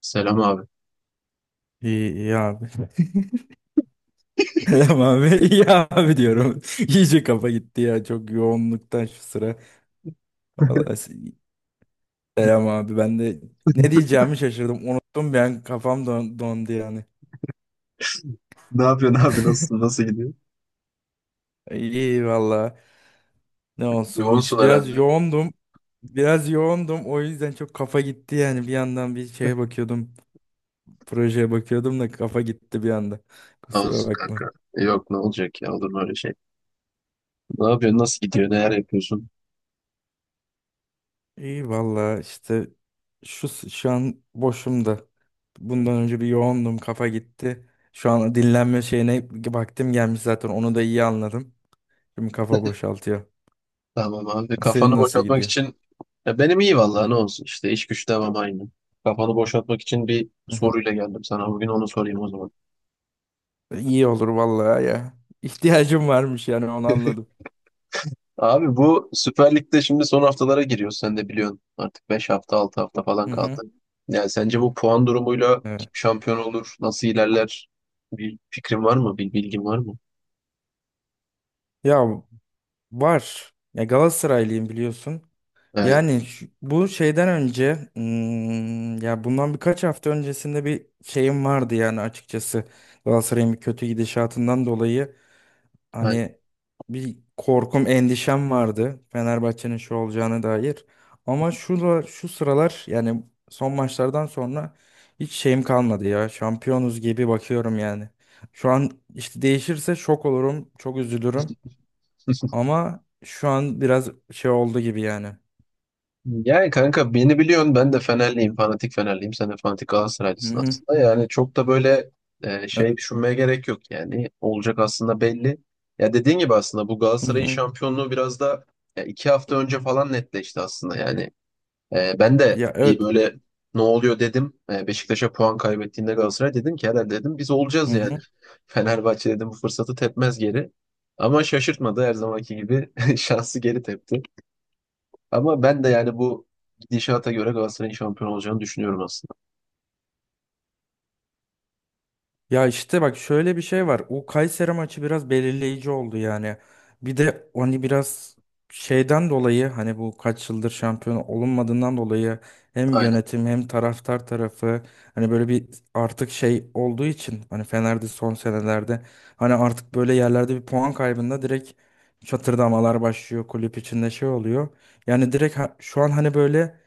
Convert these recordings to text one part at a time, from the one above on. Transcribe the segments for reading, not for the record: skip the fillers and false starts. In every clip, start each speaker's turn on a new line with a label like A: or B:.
A: Selam abi.
B: İyi, iyi abi. Selam abi. İyi abi diyorum. İyice kafa gitti ya çok yoğunluktan şu sıra. Vallahi selam abi. Ben de ne diyeceğimi şaşırdım. Unuttum, ben kafam dondu yani.
A: Ne yapıyorsun abi? Nasılsın? Nasıl gidiyor?
B: İyi valla. Ne olsun.
A: Yoğunsun
B: İşte biraz
A: herhalde.
B: yoğundum. Biraz yoğundum. O yüzden çok kafa gitti yani. Bir yandan bir şeye bakıyordum. Projeye bakıyordum da kafa gitti bir anda. Kusura
A: Olsun
B: bakma.
A: kanka. Yok ne olacak ya olur mu öyle şey? Ne yapıyorsun? Nasıl gidiyor? Neler yapıyorsun?
B: İyi valla işte şu an boşum da. Bundan önce bir yoğundum, kafa gitti. Şu an dinlenme şeyine vaktim gelmiş, zaten onu da iyi anladım. Şimdi kafa boşaltıyor.
A: Tamam abi.
B: Senin
A: Kafanı
B: nasıl
A: boşaltmak
B: gidiyor?
A: için ya benim iyi vallahi ne olsun işte iş güç devam aynı. Kafanı boşaltmak için bir
B: Hı hı.
A: soruyla geldim sana. Bugün onu sorayım o zaman.
B: İyi olur vallahi ya. İhtiyacım varmış yani, onu anladım.
A: Abi bu Süper Lig'de şimdi son haftalara giriyor. Sen de biliyorsun. Artık 5 hafta 6 hafta falan
B: Hı hı.
A: kaldı. Yani sence bu puan durumuyla kim
B: Evet.
A: şampiyon olur? Nasıl ilerler? Bir fikrin var mı? Bir bilgin var mı?
B: Ya var. Ya Galatasaraylıyım biliyorsun.
A: Evet.
B: Yani bu şeyden önce, ya bundan birkaç hafta öncesinde bir şeyim vardı yani açıkçası, Galatasaray'ın bir kötü gidişatından dolayı
A: Aynen.
B: hani bir korkum, endişem vardı Fenerbahçe'nin şu olacağına dair. Ama şu sıralar yani son maçlardan sonra hiç şeyim kalmadı, ya şampiyonuz gibi bakıyorum yani. Şu an işte değişirse şok olurum, çok üzülürüm, ama şu an biraz şey oldu gibi yani.
A: Yani kanka beni biliyorsun ben de Fenerliyim. Fanatik Fenerliyim. Sen de fanatik
B: Hı
A: Galatasaraylısın
B: hı.
A: aslında. Yani çok da böyle şey düşünmeye gerek yok yani. Olacak aslında belli. Ya dediğin gibi aslında bu
B: Hı
A: Galatasaray'ın
B: hı.
A: şampiyonluğu biraz da ya 2 hafta önce falan netleşti aslında. Yani ben de
B: Ya,
A: bir
B: evet.
A: böyle ne oluyor dedim. E, Beşiktaş'a puan kaybettiğinde Galatasaray dedim ki herhalde dedim biz
B: Hı
A: olacağız yani.
B: hı.
A: Fenerbahçe dedim bu fırsatı tepmez geri. Ama şaşırtmadı her zamanki gibi şansı geri tepti. Ama ben de yani bu gidişata göre Galatasaray'ın şampiyon olacağını düşünüyorum aslında.
B: Ya işte bak, şöyle bir şey var. O Kayseri maçı biraz belirleyici oldu yani. Bir de hani biraz şeyden dolayı, hani bu kaç yıldır şampiyon olunmadığından dolayı hem
A: Aynen,
B: yönetim hem taraftar tarafı hani böyle bir artık şey olduğu için, hani Fener'de son senelerde hani artık böyle yerlerde bir puan kaybında direkt çatırdamalar başlıyor, kulüp içinde şey oluyor. Yani direkt şu an hani böyle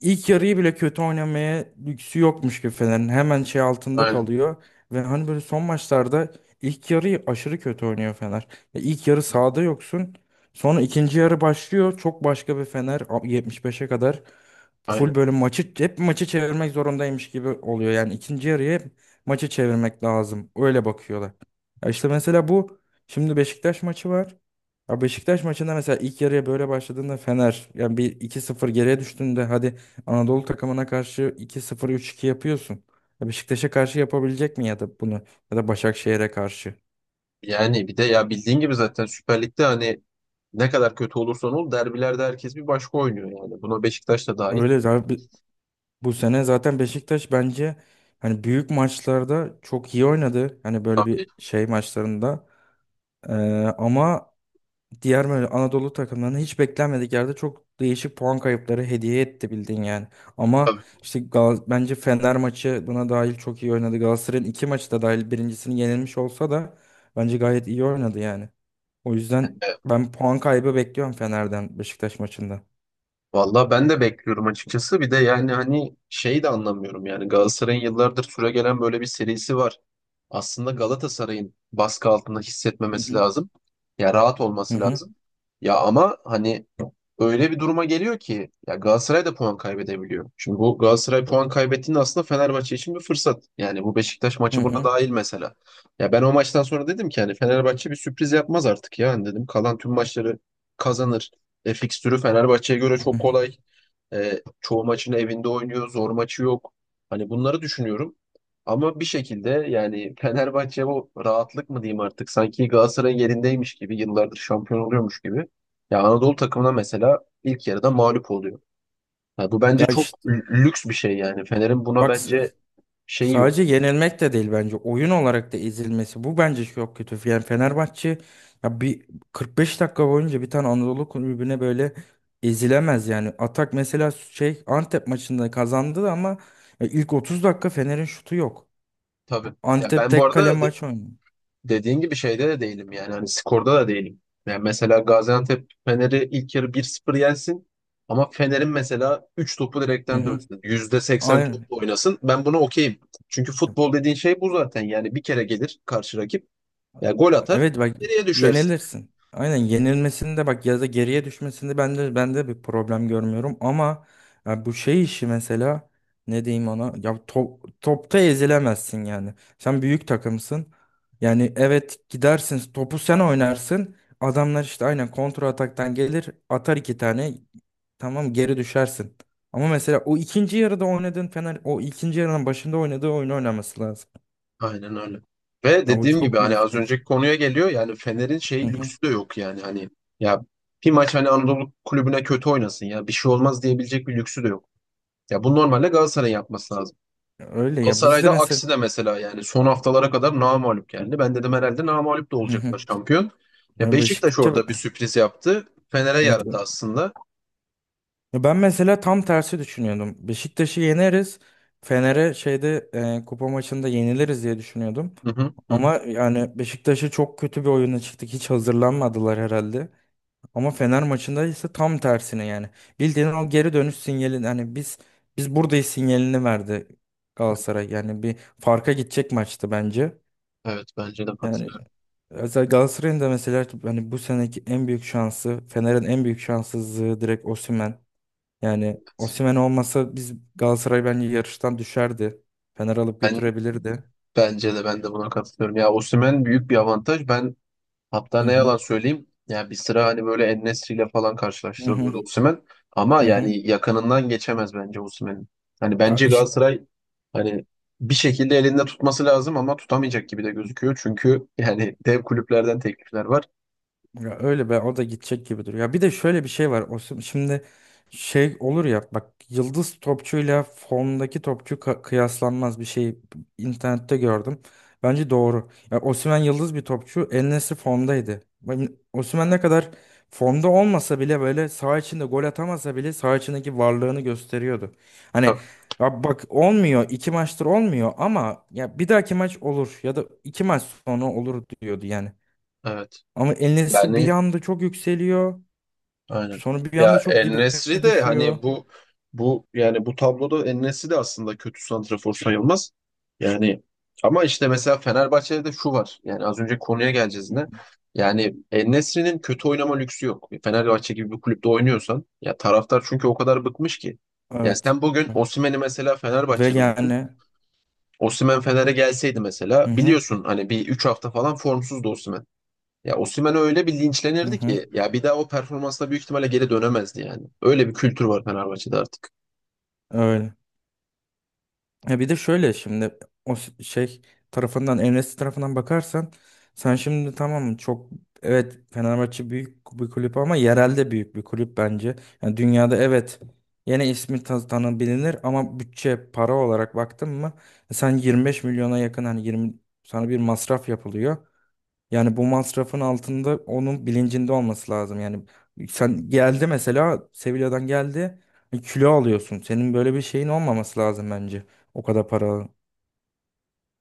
B: İlk yarıyı bile kötü oynamaya lüksü yokmuş gibi Fener'in. Hemen şey altında
A: aynen,
B: kalıyor. Ve hani böyle son maçlarda ilk yarıyı aşırı kötü oynuyor Fener. Ya, İlk yarı sahada yoksun. Sonra ikinci yarı başlıyor. Çok başka bir Fener. 75'e kadar
A: aynen.
B: full böyle maçı hep maçı çevirmek zorundaymış gibi oluyor. Yani ikinci yarıya hep maçı çevirmek lazım. Öyle bakıyorlar. Ya işte mesela bu şimdi Beşiktaş maçı var. Ya Beşiktaş maçında mesela ilk yarıya böyle başladığında Fener yani bir 2-0 geriye düştüğünde, hadi Anadolu takımına karşı 2-0 3-2 yapıyorsun. Ya Beşiktaş'a karşı yapabilecek mi, ya da bunu ya da Başakşehir'e karşı?
A: Yani bir de ya bildiğin gibi zaten Süper Lig'de hani ne kadar kötü olursan ol derbilerde herkes bir başka oynuyor yani. Buna Beşiktaş da dahil.
B: Öyle zaten bu sene zaten Beşiktaş bence hani büyük maçlarda çok iyi oynadı. Hani böyle bir
A: Tabii,
B: şey maçlarında. Ee, ama diğer böyle Anadolu takımlarını hiç beklenmedik yerde çok değişik puan kayıpları hediye etti bildiğin yani. Ama
A: tabii.
B: işte bence Fener maçı buna dahil çok iyi oynadı. Galatasaray'ın iki maçı da dahil birincisini yenilmiş olsa da bence gayet iyi oynadı yani. O yüzden
A: Yani,
B: ben puan kaybı bekliyorum Fener'den Beşiktaş maçında.
A: Valla ben de bekliyorum açıkçası. Bir de yani hani şeyi de anlamıyorum yani Galatasaray'ın yıllardır süregelen böyle bir serisi var. Aslında Galatasaray'ın baskı altında
B: Hı
A: hissetmemesi
B: hı.
A: lazım. Ya rahat
B: Hı
A: olması
B: hı,
A: lazım. Ya ama hani öyle bir duruma geliyor ki ya Galatasaray da puan kaybedebiliyor. Şimdi bu Galatasaray puan kaybettiğinde aslında Fenerbahçe için bir fırsat. Yani bu Beşiktaş
B: hı
A: maçı buna
B: hı,
A: dahil mesela. Ya ben o maçtan sonra dedim ki hani Fenerbahçe bir sürpriz yapmaz artık ya. Hani dedim kalan tüm maçları kazanır. E, fikstürü Fenerbahçe'ye göre
B: hı
A: çok
B: hı.
A: kolay. E, çoğu maçını evinde oynuyor. Zor maçı yok. Hani bunları düşünüyorum. Ama bir şekilde yani Fenerbahçe bu rahatlık mı diyeyim artık sanki Galatasaray'ın yerindeymiş gibi yıllardır şampiyon oluyormuş gibi. Ya Anadolu takımına mesela ilk yarıda mağlup oluyor. Ya bu bence
B: Ya
A: çok
B: işte
A: lüks bir şey yani. Fener'in buna
B: bak,
A: bence şeyi yok.
B: sadece yenilmek de değil, bence oyun olarak da ezilmesi bu bence çok kötü. Yani Fenerbahçe ya bir 45 dakika boyunca bir tane Anadolu kulübüne böyle ezilemez yani. Atak mesela şey Antep maçında kazandı ama ya ilk 30 dakika Fener'in şutu yok.
A: Tabii. Ya
B: Antep
A: ben bu
B: tek kale
A: arada
B: maç oynuyor.
A: dediğin gibi şeyde de değilim yani. Hani skorda da değilim. Yani mesela Gaziantep Fener'i ilk yarı bir 0 yensin ama Fener'in mesela 3 topu
B: Hı
A: direkten
B: hı.
A: dönsün. Yüzde seksen
B: Aynen.
A: topla oynasın. Ben buna okeyim. Çünkü futbol dediğin şey bu zaten. Yani bir kere gelir karşı rakip. Yani gol atar,
B: Evet bak,
A: geriye düşersin.
B: yenilirsin. Aynen, yenilmesinde bak ya da geriye düşmesinde ben de bir problem görmüyorum, ama ya bu şey işi mesela ne diyeyim ona, ya topta ezilemezsin yani. Sen büyük takımsın. Yani evet, gidersin topu sen oynarsın. Adamlar işte aynen kontra ataktan gelir, atar iki tane, tamam geri düşersin. Ama mesela o ikinci yarıda oynadığın Fener, o ikinci yarının başında oynadığı oyunu oynaması lazım.
A: Aynen öyle. Ve
B: Ya bu
A: dediğim gibi
B: çok büyük
A: hani az
B: sıkıntı.
A: önceki konuya geliyor yani Fener'in
B: Hı
A: şey
B: hı.
A: lüksü de yok yani hani ya bir maç hani Anadolu kulübüne kötü oynasın ya bir şey olmaz diyebilecek bir lüksü de yok. Ya bu normalde Galatasaray'ın yapması lazım.
B: Öyle ya, biz de
A: Galatasaray'da
B: mesela.
A: aksi de mesela yani son haftalara kadar namağlup geldi. Ben dedim herhalde namağlup da
B: Hı hı.
A: olacaklar şampiyon. Ya
B: Ya
A: Beşiktaş
B: Beşiktaş'a,
A: orada bir sürpriz yaptı. Fener'e
B: evet.
A: yaradı aslında.
B: Ya ben mesela tam tersi düşünüyordum. Beşiktaş'ı yeneriz. Fener'e şeyde kupa maçında yeniliriz diye düşünüyordum.
A: Hı hı, hı hı.
B: Ama yani Beşiktaş'ı çok kötü bir oyuna çıktık. Hiç hazırlanmadılar herhalde. Ama Fener maçında ise tam tersine yani. Bildiğin o geri dönüş sinyalini hani biz buradayız sinyalini verdi Galatasaray. Yani bir farka gidecek maçtı bence.
A: Evet bence de
B: Yani
A: katılıyorum.
B: özel Galatasaray'ın da mesela hani bu seneki en büyük şansı, Fener'in en büyük şanssızlığı direkt Osimhen. Yani Osimhen olmasa biz Galatasaray bence yarıştan düşerdi. Fener alıp
A: Ben,
B: götürebilirdi.
A: bence de ben de buna katılıyorum. Ya Osimhen büyük bir avantaj. Hatta
B: Hı
A: ne
B: hı.
A: yalan söyleyeyim, yani bir sıra hani böyle En-Nesyri ile falan
B: Hı hı.
A: karşılaştırılıyordu Osimhen. Ama
B: Hı hı.
A: yani yakınından geçemez bence Osimhen'in. Hani
B: Ya
A: bence
B: işte.
A: Galatasaray hani bir şekilde elinde tutması lazım ama tutamayacak gibi de gözüküyor. Çünkü yani dev kulüplerden teklifler var.
B: Ya öyle be, o da gidecek gibi duruyor. Ya bir de şöyle bir şey var. Şimdi şey olur ya bak, yıldız topçuyla formdaki topçu kıyaslanmaz bir şey internette gördüm. Bence doğru. Ya Osimhen yıldız bir topçu. En formdaydı. Osimhen ne kadar formda olmasa bile böyle saha içinde gol atamasa bile saha içindeki varlığını gösteriyordu. Hani
A: Bak,
B: ya bak olmuyor, iki maçtır olmuyor ama ya bir dahaki maç olur ya da iki maç sonra olur diyordu yani.
A: evet.
B: Ama El Nesri bir
A: Yani
B: anda çok yükseliyor.
A: Aynen.
B: Sonra bir
A: Ya
B: anda çok dibe
A: En-Nesyri de hani
B: düşüyor.
A: bu yani bu tabloda En-Nesyri de aslında kötü santrafor sayılmaz. Yani ama işte mesela Fenerbahçe'de de şu var. Yani az önce konuya geleceğiz
B: Hı hı.
A: yine. Yani En-Nesyri'nin kötü oynama lüksü yok. Fenerbahçe gibi bir kulüpte oynuyorsan ya taraftar çünkü o kadar bıkmış ki. Ya
B: Evet.
A: sen bugün Osimhen'i mesela
B: Ve
A: Fenerbahçe'de olsun.
B: yani,
A: Osimhen Fener'e gelseydi mesela
B: hı hı,
A: biliyorsun hani bir 3 hafta falan formsuzdu Osimhen. Ya Osimhen öyle bir
B: hı
A: linçlenirdi
B: hı,
A: ki ya bir daha o performansla büyük ihtimalle geri dönemezdi yani. Öyle bir kültür var Fenerbahçe'de artık.
B: öyle. Ya bir de şöyle şimdi şey tarafından El Nesri tarafından bakarsan, sen şimdi tamam çok, evet Fenerbahçe büyük bir kulüp ama yerelde büyük bir kulüp bence. Yani dünyada evet yine ismi tanınabilir, ama bütçe para olarak baktın mı sen 25 milyona yakın, hani 20, sana bir masraf yapılıyor. Yani bu masrafın altında, onun bilincinde olması lazım. Yani sen geldi mesela Sevilla'dan geldi, kilo alıyorsun. Senin böyle bir şeyin olmaması lazım bence. O kadar para.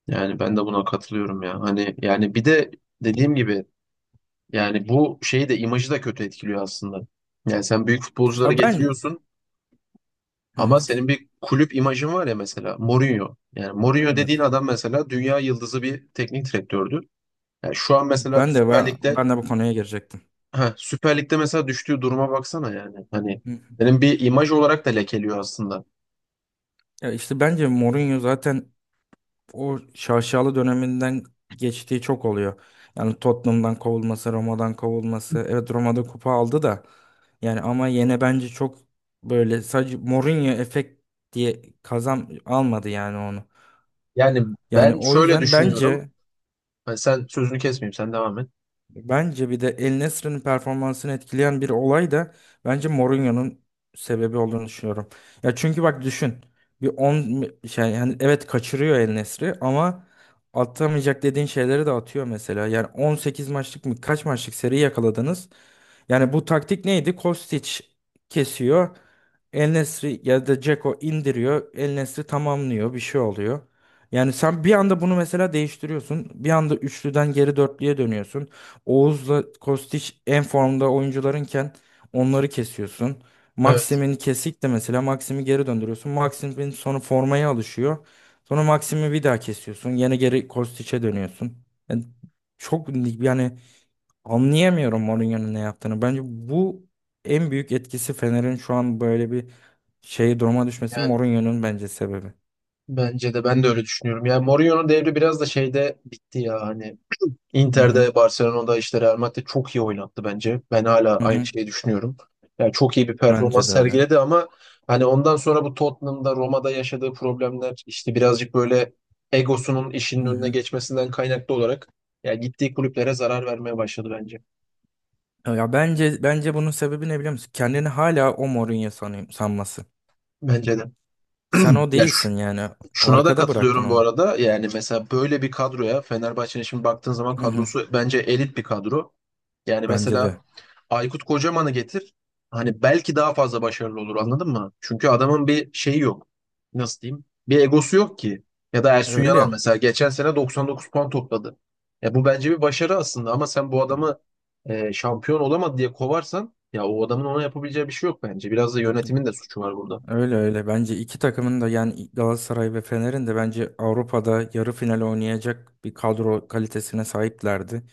A: Yani ben de buna katılıyorum ya. Hani yani bir de dediğim gibi yani bu şeyi de imajı da kötü etkiliyor aslında. Yani sen büyük futbolcuları
B: Abi ben.
A: getiriyorsun
B: Hı
A: ama
B: hı.
A: senin bir kulüp imajın var ya mesela Mourinho. Yani Mourinho dediğin
B: Evet.
A: adam mesela dünya yıldızı bir teknik direktördü. Yani şu an mesela
B: Ben de ben, ben de bu konuya girecektim.
A: Süper Lig'de mesela düştüğü duruma baksana yani. Hani
B: Hı hı.
A: senin bir imaj olarak da lekeliyor aslında.
B: Ya işte bence Mourinho zaten o şaşalı döneminden geçtiği çok oluyor. Yani Tottenham'dan kovulması, Roma'dan kovulması. Evet, Roma'da kupa aldı da. Yani ama yine bence çok böyle sadece Mourinho efekt diye kazan almadı yani onu.
A: Yani
B: Yani
A: ben
B: o
A: şöyle
B: yüzden
A: düşünüyorum.
B: bence
A: Hani sen sözünü kesmeyeyim, sen devam et.
B: Bence bir de El Nesri'nin performansını etkileyen bir olay da bence Mourinho'nun sebebi olduğunu düşünüyorum. Ya çünkü bak düşün. Bir 10 şey yani evet kaçırıyor El Nesri, ama atamayacak dediğin şeyleri de atıyor mesela. Yani 18 maçlık mı, kaç maçlık seri yakaladınız? Yani bu taktik neydi? Kostić kesiyor. El Nesri ya da Dzeko indiriyor. El Nesri tamamlıyor. Bir şey oluyor. Yani sen bir anda bunu mesela değiştiriyorsun. Bir anda üçlüden geri dörtlüye dönüyorsun. Oğuz'la Kostić en formda oyuncularınken onları kesiyorsun.
A: Evet,
B: Maxim'in kesik de mesela Maxim'i geri döndürüyorsun. Maxim'in sonra formaya alışıyor. Sonra Maxim'i bir daha kesiyorsun. Yine geri Kostić'e dönüyorsun. Yani çok yani anlayamıyorum Mourinho'nun ne yaptığını. Bence bu en büyük etkisi Fener'in şu an böyle bir şey duruma düşmesi
A: yani
B: Mourinho'nun bence sebebi.
A: bence de ben de öyle düşünüyorum. Yani Mourinho'nun devri biraz da şeyde bitti ya hani
B: Hı hı.
A: Inter'de, Barcelona'da işte Real Madrid çok iyi oynattı bence. Ben hala
B: Hı
A: aynı
B: hı.
A: şeyi düşünüyorum. Yani çok iyi bir
B: Bence
A: performans
B: de öyle.
A: sergiledi ama hani ondan sonra bu Tottenham'da, Roma'da yaşadığı problemler işte birazcık böyle egosunun
B: Hı
A: işinin önüne
B: hı.
A: geçmesinden kaynaklı olarak ya gittiği kulüplere zarar vermeye başladı bence.
B: Ya bence bunun sebebi ne biliyor musun? Kendini hala o Mourinho sanıyor, sanması.
A: Bence de.
B: Sen o
A: Ya
B: değilsin yani.
A: Şuna da
B: Arkada bıraktın
A: katılıyorum bu
B: onu.
A: arada. Yani mesela böyle bir kadroya Fenerbahçe'nin şimdi baktığın zaman
B: Hı hı.
A: kadrosu bence elit bir kadro. Yani
B: Bence
A: mesela
B: de.
A: Aykut Kocaman'ı getir. Hani belki daha fazla başarılı olur anladın mı? Çünkü adamın bir şeyi yok. Nasıl diyeyim? Bir egosu yok ki. Ya da Ersun Yanal
B: Öyle.
A: mesela geçen sene 99 puan topladı. Ya bu bence bir başarı aslında ama sen bu adamı şampiyon olamadı diye kovarsan ya o adamın ona yapabileceği bir şey yok bence. Biraz da yönetimin de suçu var burada.
B: Öyle öyle. Bence iki takımın da, yani Galatasaray ve Fener'in de, bence Avrupa'da yarı final oynayacak bir kadro kalitesine sahiplerdi.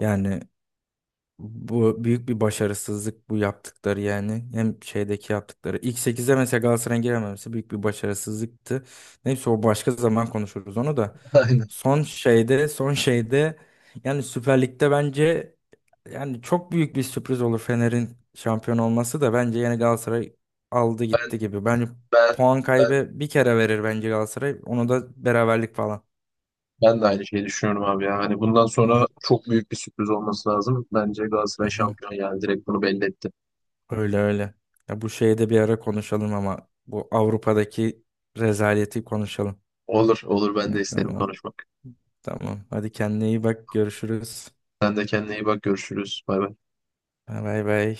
B: Yani bu büyük bir başarısızlık bu yaptıkları yani. Hem şeydeki yaptıkları. İlk 8'e mesela Galatasaray'ın girememesi büyük bir başarısızlıktı. Neyse, o başka zaman konuşuruz onu da.
A: Aynen.
B: Son şeyde yani Süper Lig'de bence yani çok büyük bir sürpriz olur Fener'in şampiyon olması da, bence yani Galatasaray aldı gitti
A: Ben
B: gibi. Bence
A: ben
B: puan
A: ben
B: kaybı bir kere verir bence Galatasaray. Onu da beraberlik falan.
A: Ben de aynı şeyi düşünüyorum abi ya. Hani bundan
B: Hı
A: sonra
B: hı,
A: çok büyük bir sürpriz olması lazım. Bence
B: hı
A: Galatasaray
B: hı.
A: şampiyon yani direkt bunu belli etti.
B: Öyle öyle. Ya bu şeyi de bir ara konuşalım, ama bu Avrupa'daki rezaleti konuşalım.
A: Olur olur ben de
B: Ya,
A: isterim
B: tamam
A: konuşmak.
B: tamam. Hadi kendine iyi bak. Görüşürüz.
A: Sen de kendine iyi bak görüşürüz. Bay bay.
B: Bay bay.